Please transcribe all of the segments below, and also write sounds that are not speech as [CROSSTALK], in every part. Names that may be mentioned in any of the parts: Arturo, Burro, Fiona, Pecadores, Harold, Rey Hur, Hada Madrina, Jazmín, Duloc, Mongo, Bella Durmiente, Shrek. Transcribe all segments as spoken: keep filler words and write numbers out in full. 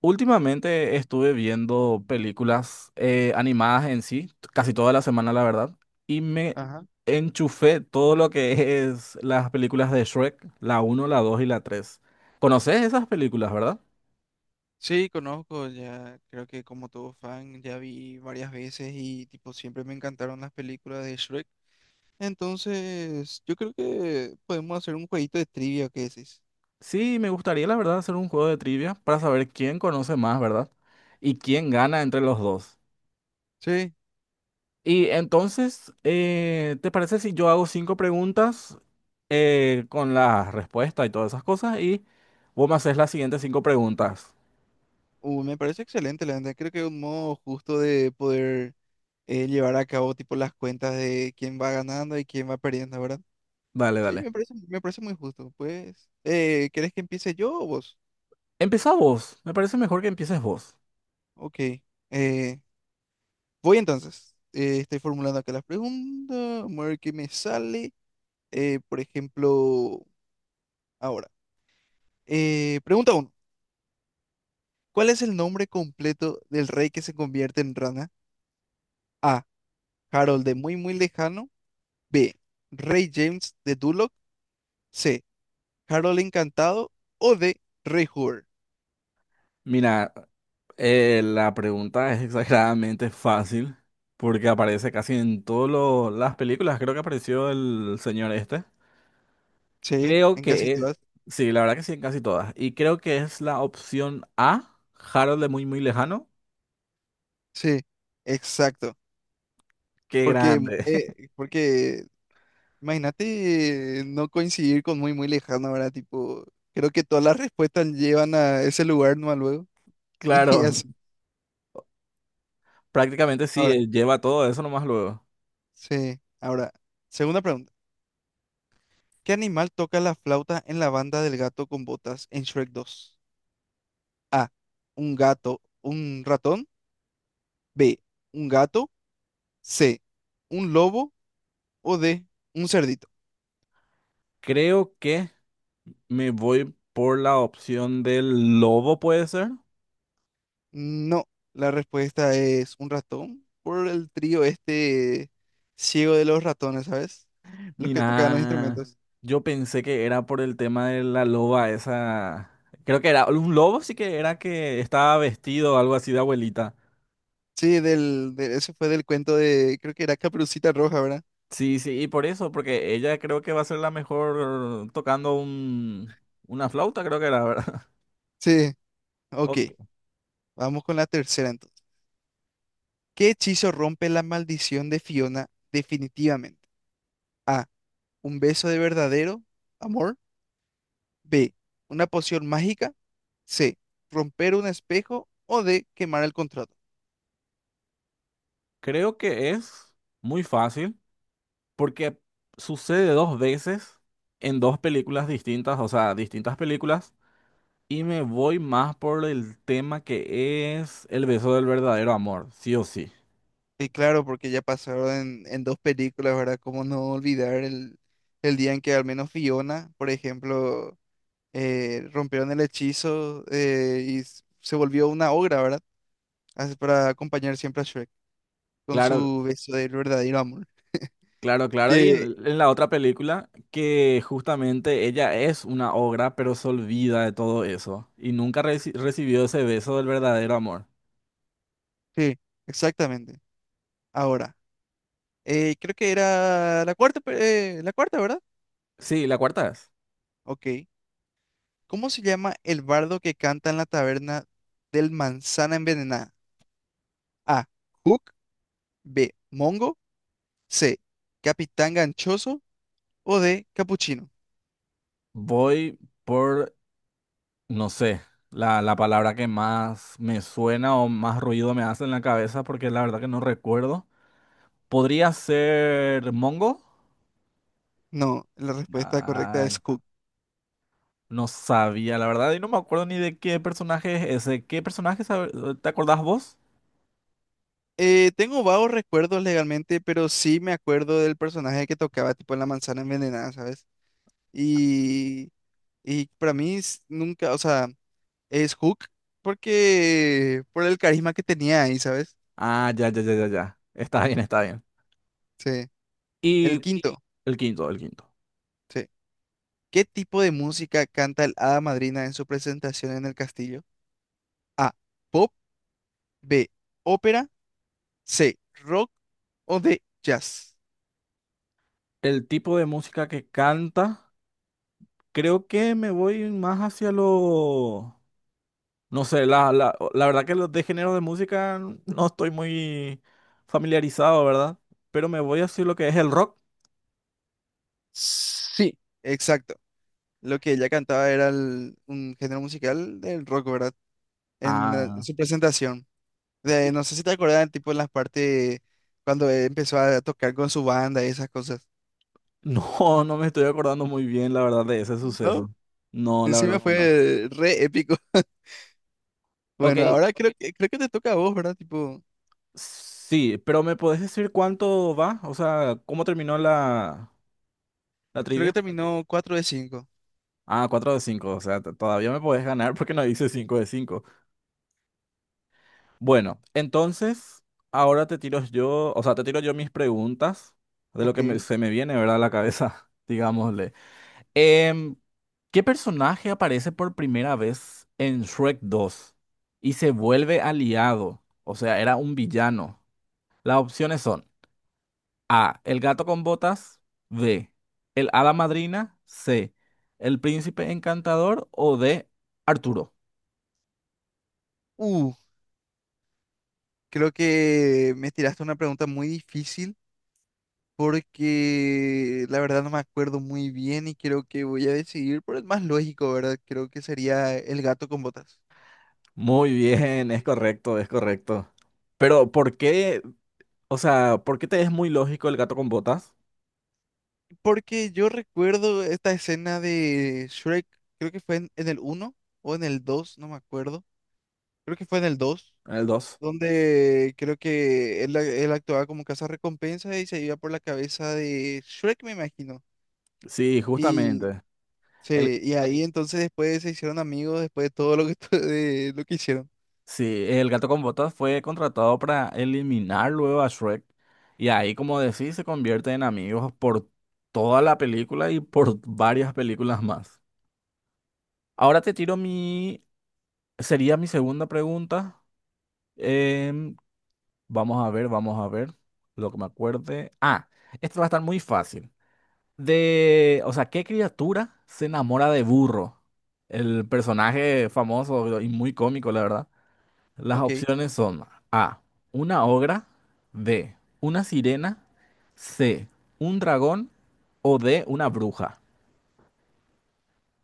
Últimamente estuve viendo películas eh, animadas en sí, casi toda la semana, la verdad, y me Ajá. enchufé todo lo que es las películas de Shrek, la uno, la dos y la tres. ¿Conoces esas películas, verdad? Sí, conozco, ya creo que como todo fan ya vi varias veces y tipo siempre me encantaron las películas de Shrek. Entonces, yo creo que podemos hacer un jueguito de trivia, ¿qué decís? Sí, me gustaría, la verdad, hacer un juego de trivia para saber quién conoce más, ¿verdad? Y quién gana entre los dos. Sí, Y entonces, eh, ¿te parece si yo hago cinco preguntas eh, con las respuestas y todas esas cosas y vos me haces las siguientes cinco preguntas? uh, me parece excelente, la verdad. Creo que es un modo justo de poder eh, llevar a cabo tipo las cuentas de quién va ganando y quién va perdiendo, ¿verdad? Dale, Sí, dale. me parece, me parece muy justo. Pues, eh, ¿querés que empiece yo o vos? Empieza vos. Me parece mejor que empieces vos. Ok. Eh, Voy entonces. Eh, estoy formulando acá la pregunta. Vamos a ver qué me sale. Eh, por ejemplo, ahora. Eh, pregunta uno. ¿Cuál es el nombre completo del rey que se convierte en rana? A. Harold de muy muy lejano. B. Rey James de Duloc. C. Harold encantado. O D. Rey Hur. Mira, eh, la pregunta es [LAUGHS] exageradamente fácil porque aparece casi en todas las películas. Creo que apareció el señor este. Sí, Creo en casi que es... todas. Sí, la verdad que sí, en casi todas. Y creo que es la opción A, Harold de muy, muy lejano. Sí, exacto. Qué Porque, grande. [LAUGHS] eh, porque imagínate, eh, no coincidir con muy, muy lejano, ¿verdad? Tipo, creo que todas las respuestas llevan a ese lugar, ¿no? Luego. [LAUGHS] Y Claro, así. prácticamente sí, Ahora, eh, lleva todo eso nomás luego. sí. Ahora, segunda pregunta. ¿Qué animal toca la flauta en la banda del gato con botas en Shrek dos? A. Un gato, un ratón. B. Un gato. C. Un lobo. O D. Un cerdito. Creo que me voy por la opción del lobo, ¿puede ser? No, la respuesta es un ratón, por el trío este ciego de los ratones, ¿sabes? Los que tocaban los, ah, Mira, instrumentos. yo pensé que era por el tema de la loba esa. Creo que era un lobo, sí que era que estaba vestido algo así de abuelita. Sí, del, de- ese fue del cuento de, creo que era Caperucita Roja, ¿verdad? Sí, sí, y por eso, porque ella creo que va a ser la mejor tocando un, una flauta, creo que era, ¿verdad? Sí, [LAUGHS] ok, O- vamos con la tercera entonces. ¿Qué hechizo rompe la maldición de Fiona definitivamente? A, un beso de verdadero amor. B, una poción mágica. C, romper un espejo. O D, quemar el contrato. Creo que es muy fácil porque sucede dos veces en dos películas distintas, o sea, distintas películas, y me voy más por el tema que es el beso del verdadero amor, sí o sí. Y claro, porque ya pasaron en, en dos películas, ¿verdad? ¿Cómo no olvidar el, el día en que al menos Fiona, por ejemplo, eh, rompieron el hechizo, eh, y s- se volvió una ogra, ¿verdad? Así para acompañar siempre a Shrek con Claro, su beso del verdadero amor. claro, claro. Y en, Que, en la otra película, que justamente ella es una ogra, pero se olvida de todo eso. Y nunca reci- recibió ese beso del verdadero amor. sí, exactamente. Ahora, eh, creo que era la cuarta, pe- eh, la cuarta, ¿verdad? Sí, la cuarta es. Ok. ¿Cómo se llama el bardo que canta en la taberna del manzana envenenada? A. Hook. B. Mongo. C. Capitán Ganchoso. O D. Capuchino. Voy por, no sé, la, la palabra que más me suena o más ruido me hace en la cabeza, porque la verdad que no recuerdo. ¿Podría ser Mongo? No, la respuesta correcta Ay, es Hook. no sabía, la verdad, y no me acuerdo ni de qué personaje es ese. ¿Qué personaje sabe- te acordás vos? Eh, tengo vagos recuerdos legalmente, pero sí me acuerdo del personaje que tocaba tipo en la manzana envenenada, ¿sabes? Y, y para mí es- nunca, o sea, es Hook porque por el carisma que tenía ahí, ¿sabes? Ah, ya, ya, ya, ya, ya. Está bien, está bien. Sí. El sí, Y quinto, el quinto, el quinto. sí. ¿Qué tipo de música canta el Hada Madrina en su presentación en el castillo? A. Pop. B. Ópera. C, rock. O de jazz. El tipo de música que canta, creo que me voy más hacia lo... No sé, la, la, la verdad que los de género de música no estoy muy familiarizado, ¿verdad? Pero me voy hacia lo que es el rock. Sí, exacto. Lo que ella cantaba era el- un género musical del rock, ¿verdad? En, eh, Ah. su presentación. De- no [LAUGHS] sé si te acordás, tipo en las partes cuando, eh, empezó a tocar con su banda y esas cosas. No, no me estoy acordando muy bien, la verdad, de ese ¿No? suceso. No, la Encima verdad no, que no. fue re épico. [LAUGHS] Ok, Bueno, ahora creo, ok, que creo que te toca a vos, ¿verdad? Tipo, sí, pero ¿me podés decir cuánto va? O sea, ¿cómo terminó la, la creo que trivia? terminó cuatro de cinco. Ah, cuatro de cinco. O sea, t- todavía me podés ganar porque no dice cinco de cinco. Bueno, entonces, ahora te tiro yo, o sea, te tiro yo mis preguntas de lo que me- Ok. se me viene, ¿verdad? A la cabeza, [LAUGHS] digámosle. Em, ¿qué personaje aparece por primera vez en Shrek dos y se vuelve aliado? O sea, era un villano. Las opciones son A, el gato con botas, B, el hada madrina, C, el príncipe encantador o D, Arturo. Uh, creo que me tiraste una pregunta muy difícil, porque la verdad no me acuerdo muy bien y creo que voy a decidir por el más lógico, ¿verdad? Creo que sería el gato con botas. Muy bien, es correcto, es correcto. Pero, ¿por qué? O sea, ¿por qué te es muy lógico el gato con botas? Porque yo recuerdo esta escena de Shrek, creo que fue en, en el uno o en el dos, no me acuerdo. Creo que fue en el dos, ¿El dos? donde creo que él, él actuaba como recompensa y se iba por la cabeza de Shrek, me imagino. Sí, Y, justamente. El, sí, y eh, ahí entonces después se hicieron amigos después de todo lo que, [LAUGHS] de lo que hicieron. sí, el gato con botas fue contratado para eliminar luego a Shrek. Y ahí, como decís, se convierte en amigos por toda la película y por varias películas más. Ahora te tiro mi... Sería mi segunda pregunta. Em, vamos a ver, vamos a ver lo que me acuerde. Ah, esto va a estar muy fácil. De, o sea, ¿qué criatura se enamora de Burro? El personaje famoso y muy cómico, la verdad. Las Ok. opciones son A, una ogra, B, una sirena, C, un dragón o D, una bruja.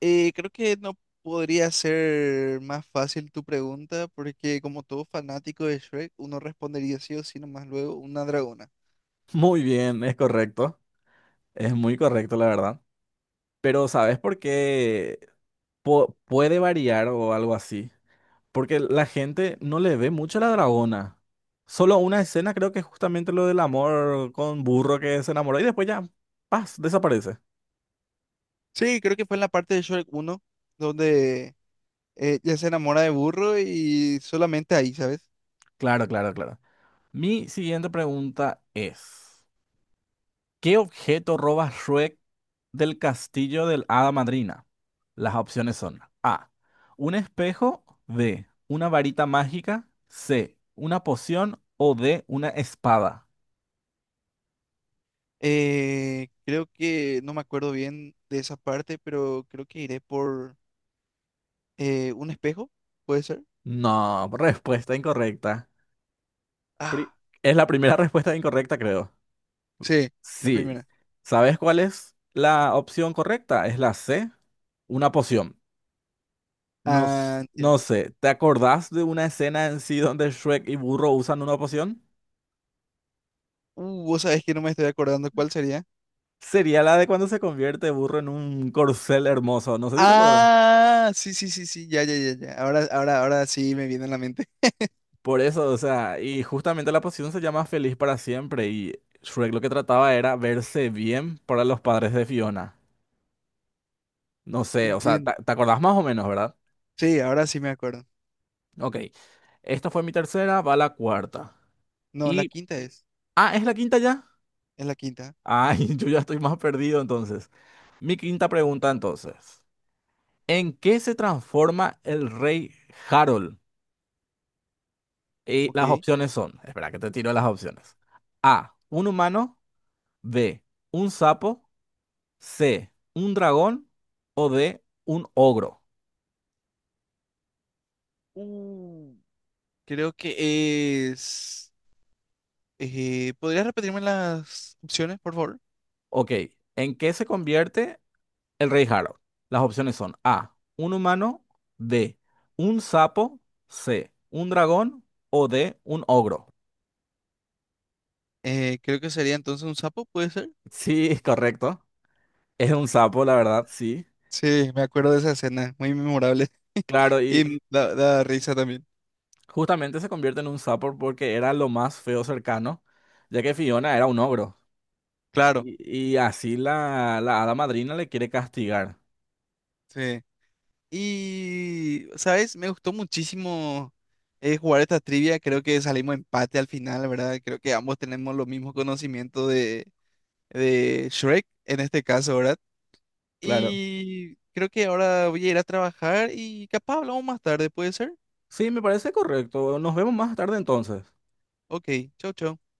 Eh, creo que no podría ser más fácil tu pregunta, porque como todo fanático de Shrek, uno respondería sí o sí nomás luego una dragona. [LAUGHS] Muy bien, es correcto. Es muy correcto, la verdad. Pero ¿sabes por qué po- puede variar o algo así? Porque la gente no le ve mucho a la dragona. Solo una escena creo que es justamente lo del amor con burro que se enamoró y después ya, paz, desaparece. Sí, creo que fue en la parte de Shrek uno donde, eh, ella se enamora de Burro y solamente ahí, ¿sabes? Claro, claro, claro. Mi siguiente pregunta es, ¿qué objeto roba Shrek del castillo del Hada Madrina? Las opciones son A, un espejo, B, una varita mágica, C, una poción o D, una espada. Eh, creo que no me acuerdo bien de esa parte, pero creo que iré por, eh, un espejo, ¿puede ser? No, respuesta incorrecta. Pri- Ah, Es la primera [LAUGHS] respuesta incorrecta, creo. sí, la Sí. primera. ¿Sabes cuál es la opción correcta? Es la C, una poción. No, Ah, s- no entiendo. sé, ¿te acordás de una escena en sí donde Shrek y Burro usan una poción? Uh, vos sabés que no me estoy acordando cuál sería. Sería la de cuando se convierte Burro en un corcel hermoso. No sé si te acuerdas. Ah, sí, sí, sí, sí, ya, ya, ya, ya. Ahora, ahora, ahora sí me viene a la mente. [LAUGHS] Por eso, o sea, y justamente la poción se llama Feliz para siempre y Shrek lo que trataba era verse bien para los padres de Fiona. No sé, o sea, ¿te, Entiendo. te acordás más o menos, verdad? Sí, ahora sí me acuerdo. Ok. Esta fue mi tercera, va la cuarta. No, la Y. quinta es. Ah, ¿es la quinta ya? Es la quinta. Ay, [LAUGHS] yo ya estoy más perdido entonces. Mi quinta pregunta entonces. ¿En qué se transforma el rey Harold? Y las Ok. opciones son, espera que te tiro las opciones. A, un humano, B, un sapo, C, un dragón o D, un ogro. Uh, creo que es, eh, ¿podrías repetirme las opciones, por favor? Ok, ¿en qué se convierte el rey Harold? Las opciones son A, un humano, D, un sapo, C, un dragón o D, un ogro. Eh, creo que sería entonces un sapo, ¿puede ser? Sí, [LAUGHS] correcto. Es un sapo, la verdad, sí. Sí, me acuerdo de esa escena, muy memorable. [LAUGHS] Claro, y Y da, da risa también. justamente se convierte en un sapo porque era lo más feo cercano, ya que Fiona era un ogro. Claro, Y, y así la, la hada madrina le quiere castigar. sí. Y, ¿sabes? Me gustó muchísimo, eh, jugar esta trivia. Creo que salimos empate al final, ¿verdad? Creo que ambos tenemos los mismos conocimientos de, de Shrek en este caso, ¿verdad? Claro. Y creo que ahora voy a ir a trabajar y capaz hablamos más tarde, ¿puede ser? Sí, me parece correcto. Nos vemos más tarde entonces. Ok, chau, chau.